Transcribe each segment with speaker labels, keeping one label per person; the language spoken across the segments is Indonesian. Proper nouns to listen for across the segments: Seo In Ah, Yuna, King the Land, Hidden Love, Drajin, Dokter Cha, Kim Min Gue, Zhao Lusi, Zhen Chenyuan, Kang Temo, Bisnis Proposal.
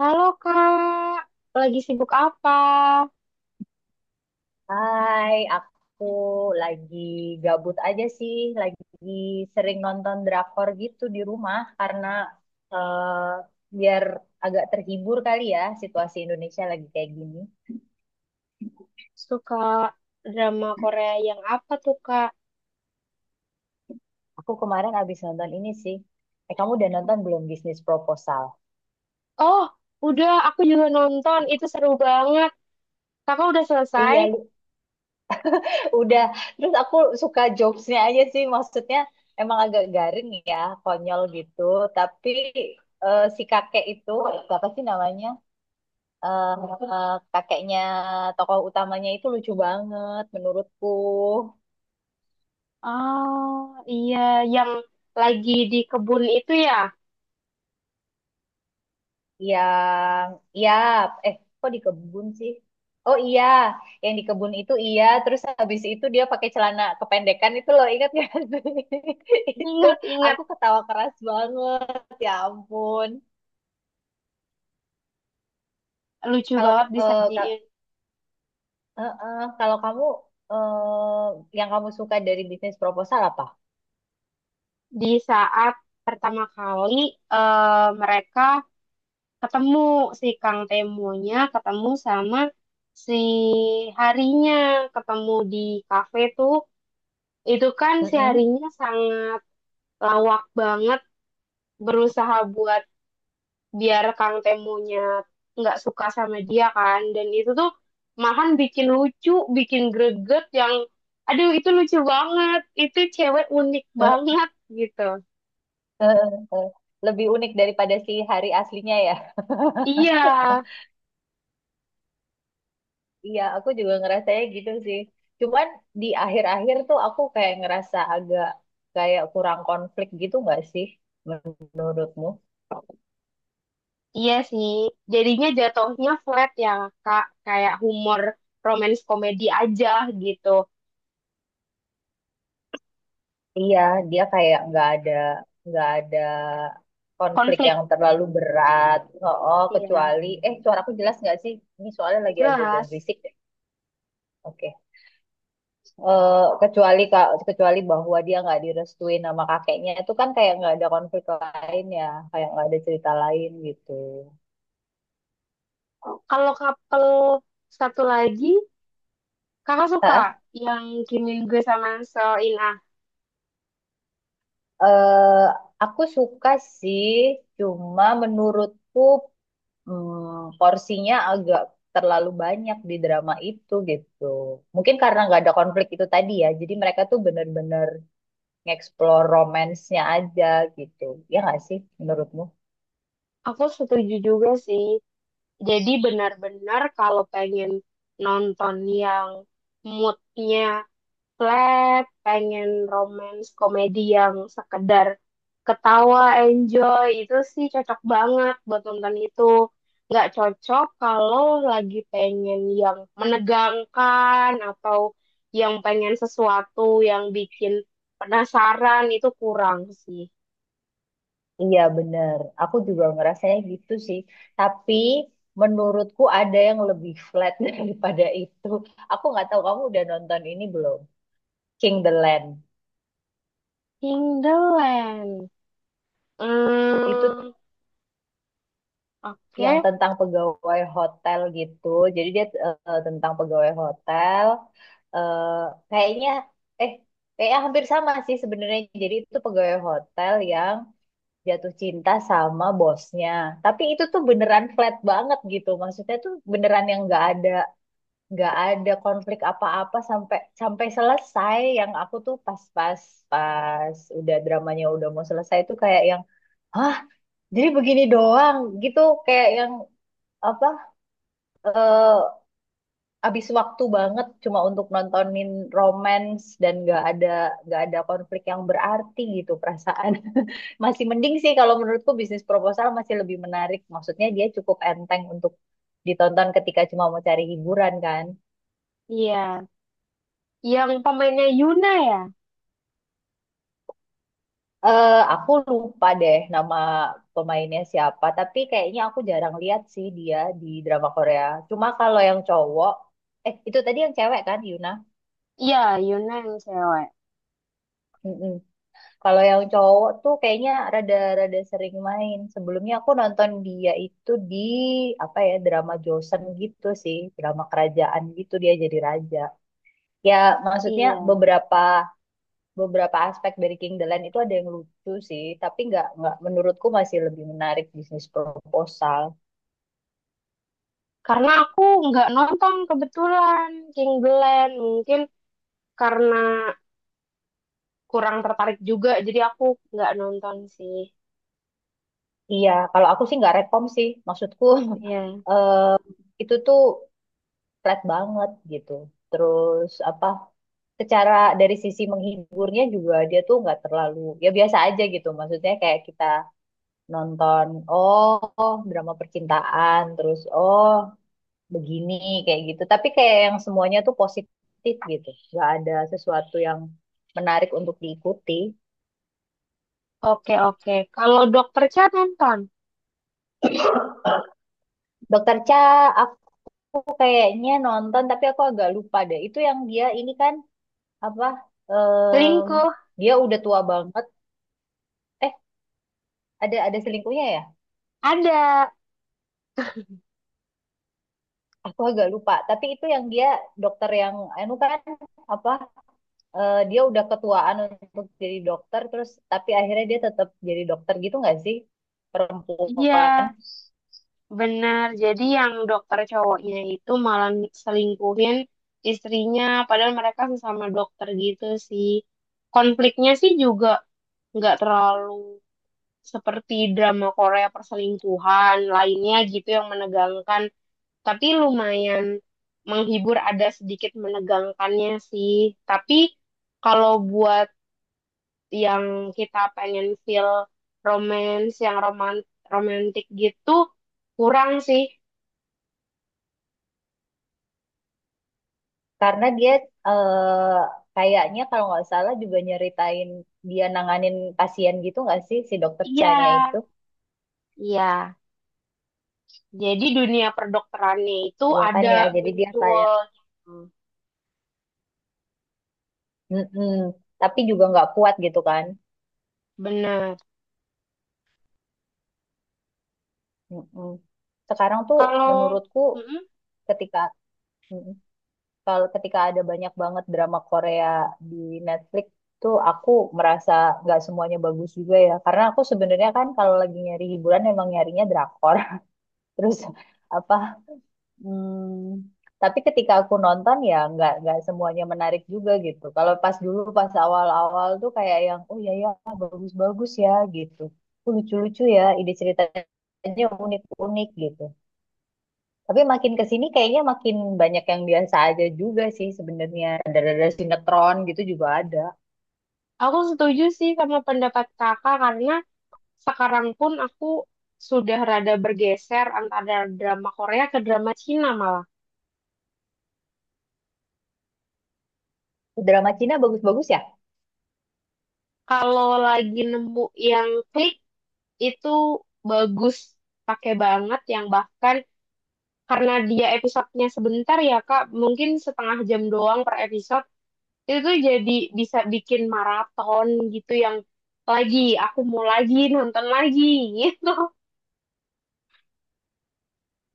Speaker 1: Halo Kak, lagi sibuk apa?
Speaker 2: Hai, aku lagi gabut aja sih, lagi sering nonton drakor gitu di rumah karena eh, biar agak terhibur kali ya, situasi Indonesia lagi kayak gini.
Speaker 1: Suka drama Korea yang apa tuh Kak?
Speaker 2: Aku kemarin abis nonton ini sih. Eh, kamu udah nonton belum Bisnis Proposal?
Speaker 1: Oh, udah aku juga nonton, itu seru banget. Kakak udah selesai?
Speaker 2: Iya, lu udah. Terus aku suka jokesnya aja sih, maksudnya emang agak garing ya, konyol gitu. Tapi si kakek itu, apa sih namanya? eh kakeknya tokoh utamanya itu lucu banget menurutku.
Speaker 1: Oh, iya, yang lagi di kebun itu ya.
Speaker 2: Yang, iya, eh kok di kebun sih? Oh iya, yang di kebun itu, iya. Terus habis itu dia pakai celana kependekan itu loh, ingat gak sih? Itu
Speaker 1: Ingat-ingat,
Speaker 2: aku ketawa keras banget. Ya ampun.
Speaker 1: lucu
Speaker 2: Kalau
Speaker 1: banget
Speaker 2: eh, ka-
Speaker 1: disajiin.
Speaker 2: eh, eh, kalau kamu, yang kamu suka dari bisnis proposal apa?
Speaker 1: Di saat pertama kali mereka ketemu si Kang Temonya, ketemu sama si harinya, ketemu di kafe tuh. Itu kan
Speaker 2: Mm-mm.
Speaker 1: seharinya sangat lawak banget, berusaha buat biar Kang Temonya nggak suka sama dia kan, dan itu tuh makan bikin lucu, bikin greget yang aduh itu lucu banget. Itu cewek unik
Speaker 2: Eh,
Speaker 1: banget gitu.
Speaker 2: eh, eh, eh. Lebih unik daripada si hari aslinya ya.
Speaker 1: Iya,
Speaker 2: Iya, aku juga ngerasanya gitu sih. Cuman di akhir-akhir tuh aku kayak ngerasa agak kayak kurang konflik gitu, nggak sih menurutmu?
Speaker 1: iya sih, jadinya jatuhnya flat ya kak, kayak humor romance komedi aja gitu.
Speaker 2: Iya, dia kayak nggak ada konflik
Speaker 1: Konflik.
Speaker 2: yang terlalu berat. Oh,
Speaker 1: Iya.
Speaker 2: kecuali, suaraku jelas nggak sih? Ini soalnya lagi agak-agak
Speaker 1: Jelas.
Speaker 2: berisik deh. Oke. Eh, kecuali bahwa dia nggak direstuin sama kakeknya itu kan, kayak nggak ada konflik lain ya, kayak nggak ada cerita lain gitu.
Speaker 1: Kalau couple satu lagi, Kakak suka
Speaker 2: Hah?
Speaker 1: yang Kim Min Gue sama Seo In Ah.
Speaker 2: Eh, aku suka sih, cuma menurutku, porsinya agak terlalu banyak di drama itu gitu. Mungkin karena nggak ada konflik itu tadi ya, jadi mereka tuh bener-bener nge-explore romance-nya aja gitu. Ya nggak sih menurutmu?
Speaker 1: Aku setuju juga sih. Jadi benar-benar kalau pengen nonton yang moodnya flat, pengen romance komedi yang sekedar ketawa, enjoy, itu sih cocok banget buat nonton itu. Nggak cocok kalau lagi pengen yang menegangkan atau yang pengen sesuatu yang bikin penasaran itu kurang sih.
Speaker 2: Iya bener, aku juga ngerasanya gitu sih. Tapi menurutku ada yang lebih flat daripada itu. Aku nggak tahu kamu udah nonton ini belum? King the Land.
Speaker 1: In the Land.
Speaker 2: Itu
Speaker 1: Hmm,
Speaker 2: yang
Speaker 1: oke.
Speaker 2: tentang pegawai hotel gitu. Jadi dia, tentang pegawai hotel. eh kayaknya eh kayaknya hampir sama sih sebenarnya. Jadi itu pegawai hotel yang jatuh cinta sama bosnya. Tapi itu tuh beneran flat banget gitu. Maksudnya tuh beneran yang nggak ada konflik apa-apa sampai sampai selesai. Yang aku tuh pas udah dramanya udah mau selesai itu kayak yang, "Hah, jadi begini doang gitu," kayak yang apa, eh habis waktu banget cuma untuk nontonin romance dan nggak ada konflik yang berarti gitu perasaan. Masih mending sih kalau menurutku bisnis proposal masih lebih menarik. Maksudnya dia cukup enteng untuk ditonton ketika cuma mau cari hiburan kan.
Speaker 1: Iya. Yang pemainnya Yuna ya?
Speaker 2: Aku lupa deh nama pemainnya siapa, tapi kayaknya aku jarang lihat sih dia di drama Korea. Cuma kalau yang cowok, itu tadi yang cewek kan Yuna?
Speaker 1: Iya, Yuna yang cewek.
Speaker 2: Mm-mm. Kalau yang cowok tuh kayaknya rada-rada sering main. Sebelumnya aku nonton dia itu di apa ya, drama Joseon gitu sih, drama kerajaan gitu dia jadi raja. Ya maksudnya
Speaker 1: Iya.
Speaker 2: beberapa beberapa aspek dari King the Land itu ada yang lucu sih, tapi nggak menurutku masih lebih menarik bisnis proposal.
Speaker 1: Karena aku nggak nonton kebetulan King the Land. Mungkin karena kurang tertarik juga, jadi aku nggak nonton sih.
Speaker 2: Iya, kalau aku sih nggak rekom sih. Maksudku
Speaker 1: Iya.
Speaker 2: eh, itu tuh flat banget gitu. Terus apa, secara dari sisi menghiburnya juga dia tuh nggak terlalu, ya biasa aja gitu. Maksudnya kayak kita nonton, oh drama percintaan, terus oh begini, kayak gitu. Tapi kayak yang semuanya tuh positif gitu. Nggak ada sesuatu yang menarik untuk diikuti.
Speaker 1: Oke, oke. Kalau Dokter Cha nonton.
Speaker 2: Dokter Cha aku kayaknya nonton tapi aku agak lupa deh. Itu yang dia ini kan apa,
Speaker 1: Selingkuh.
Speaker 2: em, dia udah tua banget. Ada selingkuhnya ya,
Speaker 1: Ada.
Speaker 2: aku agak lupa tapi itu yang dia dokter yang anu kan, apa, dia udah ketuaan untuk jadi dokter terus tapi akhirnya dia tetap jadi dokter gitu nggak sih,
Speaker 1: Iya.
Speaker 2: perempuan.
Speaker 1: Benar, jadi yang dokter cowoknya itu malah selingkuhin istrinya, padahal mereka sesama dokter gitu sih. Konfliknya sih juga nggak terlalu seperti drama Korea perselingkuhan lainnya gitu yang menegangkan, tapi lumayan menghibur, ada sedikit menegangkannya sih. Tapi kalau buat yang kita pengen feel romance, yang roman romantik gitu, kurang sih.
Speaker 2: Karena dia, eh, kayaknya kalau nggak salah juga nyeritain dia nanganin pasien gitu nggak sih si dokter
Speaker 1: Iya,
Speaker 2: Chanya itu.
Speaker 1: iya. Jadi dunia perdokterannya itu
Speaker 2: Ya kan
Speaker 1: ada
Speaker 2: ya, jadi dia kayak,
Speaker 1: muncul. Gitu.
Speaker 2: mm tapi juga nggak kuat gitu kan.
Speaker 1: Benar.
Speaker 2: Mm-mm. Sekarang tuh
Speaker 1: Kalau.
Speaker 2: menurutku
Speaker 1: Mm-mm.
Speaker 2: ketika ketika ada banyak banget drama Korea di Netflix tuh aku merasa nggak semuanya bagus juga ya, karena aku sebenarnya kan kalau lagi nyari hiburan emang nyarinya drakor. Terus apa, hmm, tapi ketika aku nonton ya nggak semuanya menarik juga gitu. Kalau pas dulu, pas awal-awal tuh kayak yang, oh ya ya, bagus-bagus ya gitu. Oh, lucu-lucu ya ide ceritanya, unik-unik gitu. Tapi makin ke sini kayaknya makin banyak yang biasa aja juga sih sebenarnya. Ada-ada sinetron gitu juga ada.
Speaker 1: Aku setuju sih sama pendapat kakak karena sekarang pun aku sudah rada bergeser antara drama Korea ke drama Cina malah.
Speaker 2: Drama Cina bagus-bagus ya?
Speaker 1: Kalau lagi nemu yang klik itu bagus, pakai banget yang bahkan karena dia episodenya sebentar ya Kak, mungkin setengah jam doang per episode itu tuh jadi bisa bikin maraton gitu yang lagi aku mau lagi nonton lagi gitu.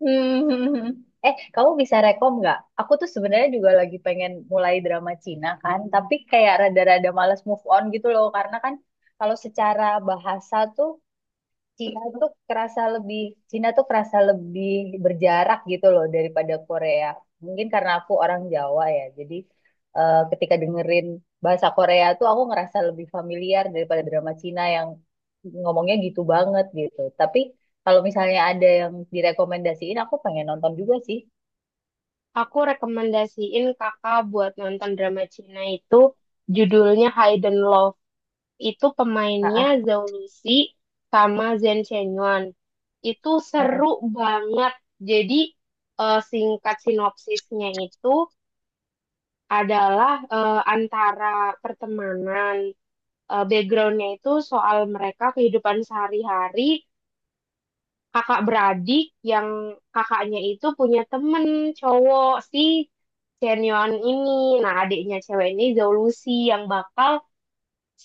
Speaker 2: Eh, kamu bisa rekom nggak? Aku tuh sebenarnya juga lagi pengen mulai drama Cina kan, tapi kayak rada-rada males move on gitu loh, karena kan kalau secara bahasa tuh Cina tuh kerasa lebih Cina tuh kerasa lebih berjarak gitu loh daripada Korea. Mungkin karena aku orang Jawa ya, jadi ketika dengerin bahasa Korea tuh aku ngerasa lebih familiar daripada drama Cina yang ngomongnya gitu banget gitu. Tapi kalau misalnya ada yang direkomendasiin, aku pengen nonton juga sih.
Speaker 1: Aku rekomendasiin kakak buat nonton drama Cina itu judulnya Hidden Love, itu
Speaker 2: Ah,
Speaker 1: pemainnya
Speaker 2: ah,
Speaker 1: Zhao Lusi sama Zhen Chenyuan, itu
Speaker 2: ah, ah.
Speaker 1: seru banget. Jadi singkat sinopsisnya itu adalah antara pertemanan, backgroundnya itu soal mereka kehidupan sehari-hari kakak beradik yang kakaknya itu punya temen cowok si Chenion ini. Nah, adiknya cewek ini Zhao Lucy yang bakal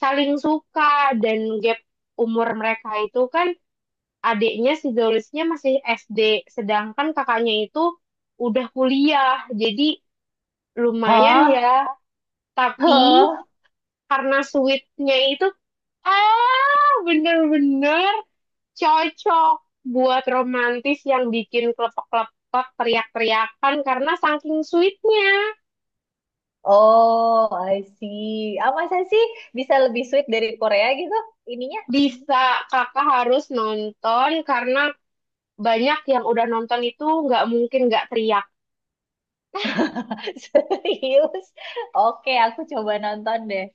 Speaker 1: saling suka, dan gap umur mereka itu kan adiknya si Zhao Lucy-nya masih SD, sedangkan kakaknya itu udah kuliah. Jadi lumayan
Speaker 2: Hah?
Speaker 1: ya. Tapi
Speaker 2: Hah?
Speaker 1: karena sweetnya itu bener-bener cocok buat romantis yang bikin klepek-klepek teriak-teriakan karena saking sweetnya
Speaker 2: Oh, I see. Ah, masa sih bisa lebih sweet dari Korea gitu? Ininya
Speaker 1: bisa. Kakak harus nonton karena banyak yang udah nonton itu nggak mungkin nggak teriak.
Speaker 2: Serius? Oke, aku coba nonton deh.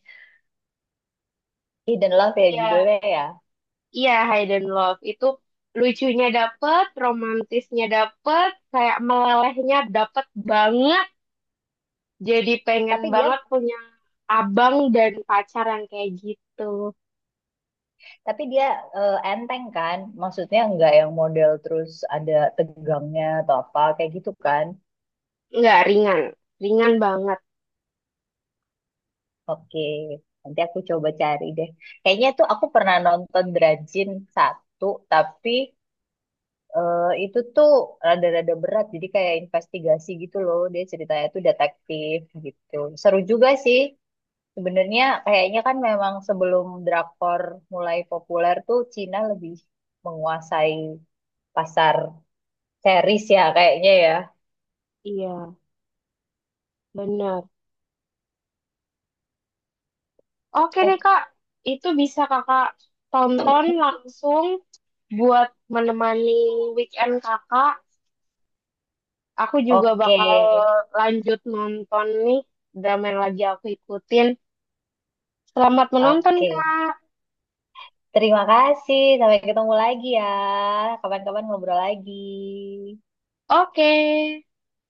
Speaker 2: Hidden Love ya
Speaker 1: Iya,
Speaker 2: judulnya ya.
Speaker 1: iya, Hidden Love itu lucunya dapet, romantisnya dapet, kayak melelehnya dapet banget. Jadi pengen
Speaker 2: Tapi dia
Speaker 1: banget punya abang dan pacar yang kayak gitu.
Speaker 2: tapi dia enteng kan? Maksudnya nggak yang model terus ada tegangnya atau apa kayak gitu kan?
Speaker 1: Nggak ringan, ringan banget.
Speaker 2: Oke, nanti aku coba cari deh. Kayaknya tuh aku pernah nonton Drajin satu, tapi itu tuh rada-rada berat. Jadi kayak investigasi gitu loh. Dia ceritanya tuh detektif gitu. Seru juga sih. Sebenarnya kayaknya kan memang sebelum drakor mulai populer tuh Cina lebih menguasai pasar series ya kayaknya ya.
Speaker 1: Iya, bener. Oke
Speaker 2: Eh,
Speaker 1: deh kak, itu bisa kakak tonton langsung buat menemani weekend kakak. Aku juga
Speaker 2: oke.
Speaker 1: bakal lanjut nonton nih drama yang lagi aku ikutin. Selamat menonton
Speaker 2: Oke.
Speaker 1: kak.
Speaker 2: Terima kasih. Sampai ketemu lagi ya. Kapan-kapan ngobrol lagi.
Speaker 1: Oke.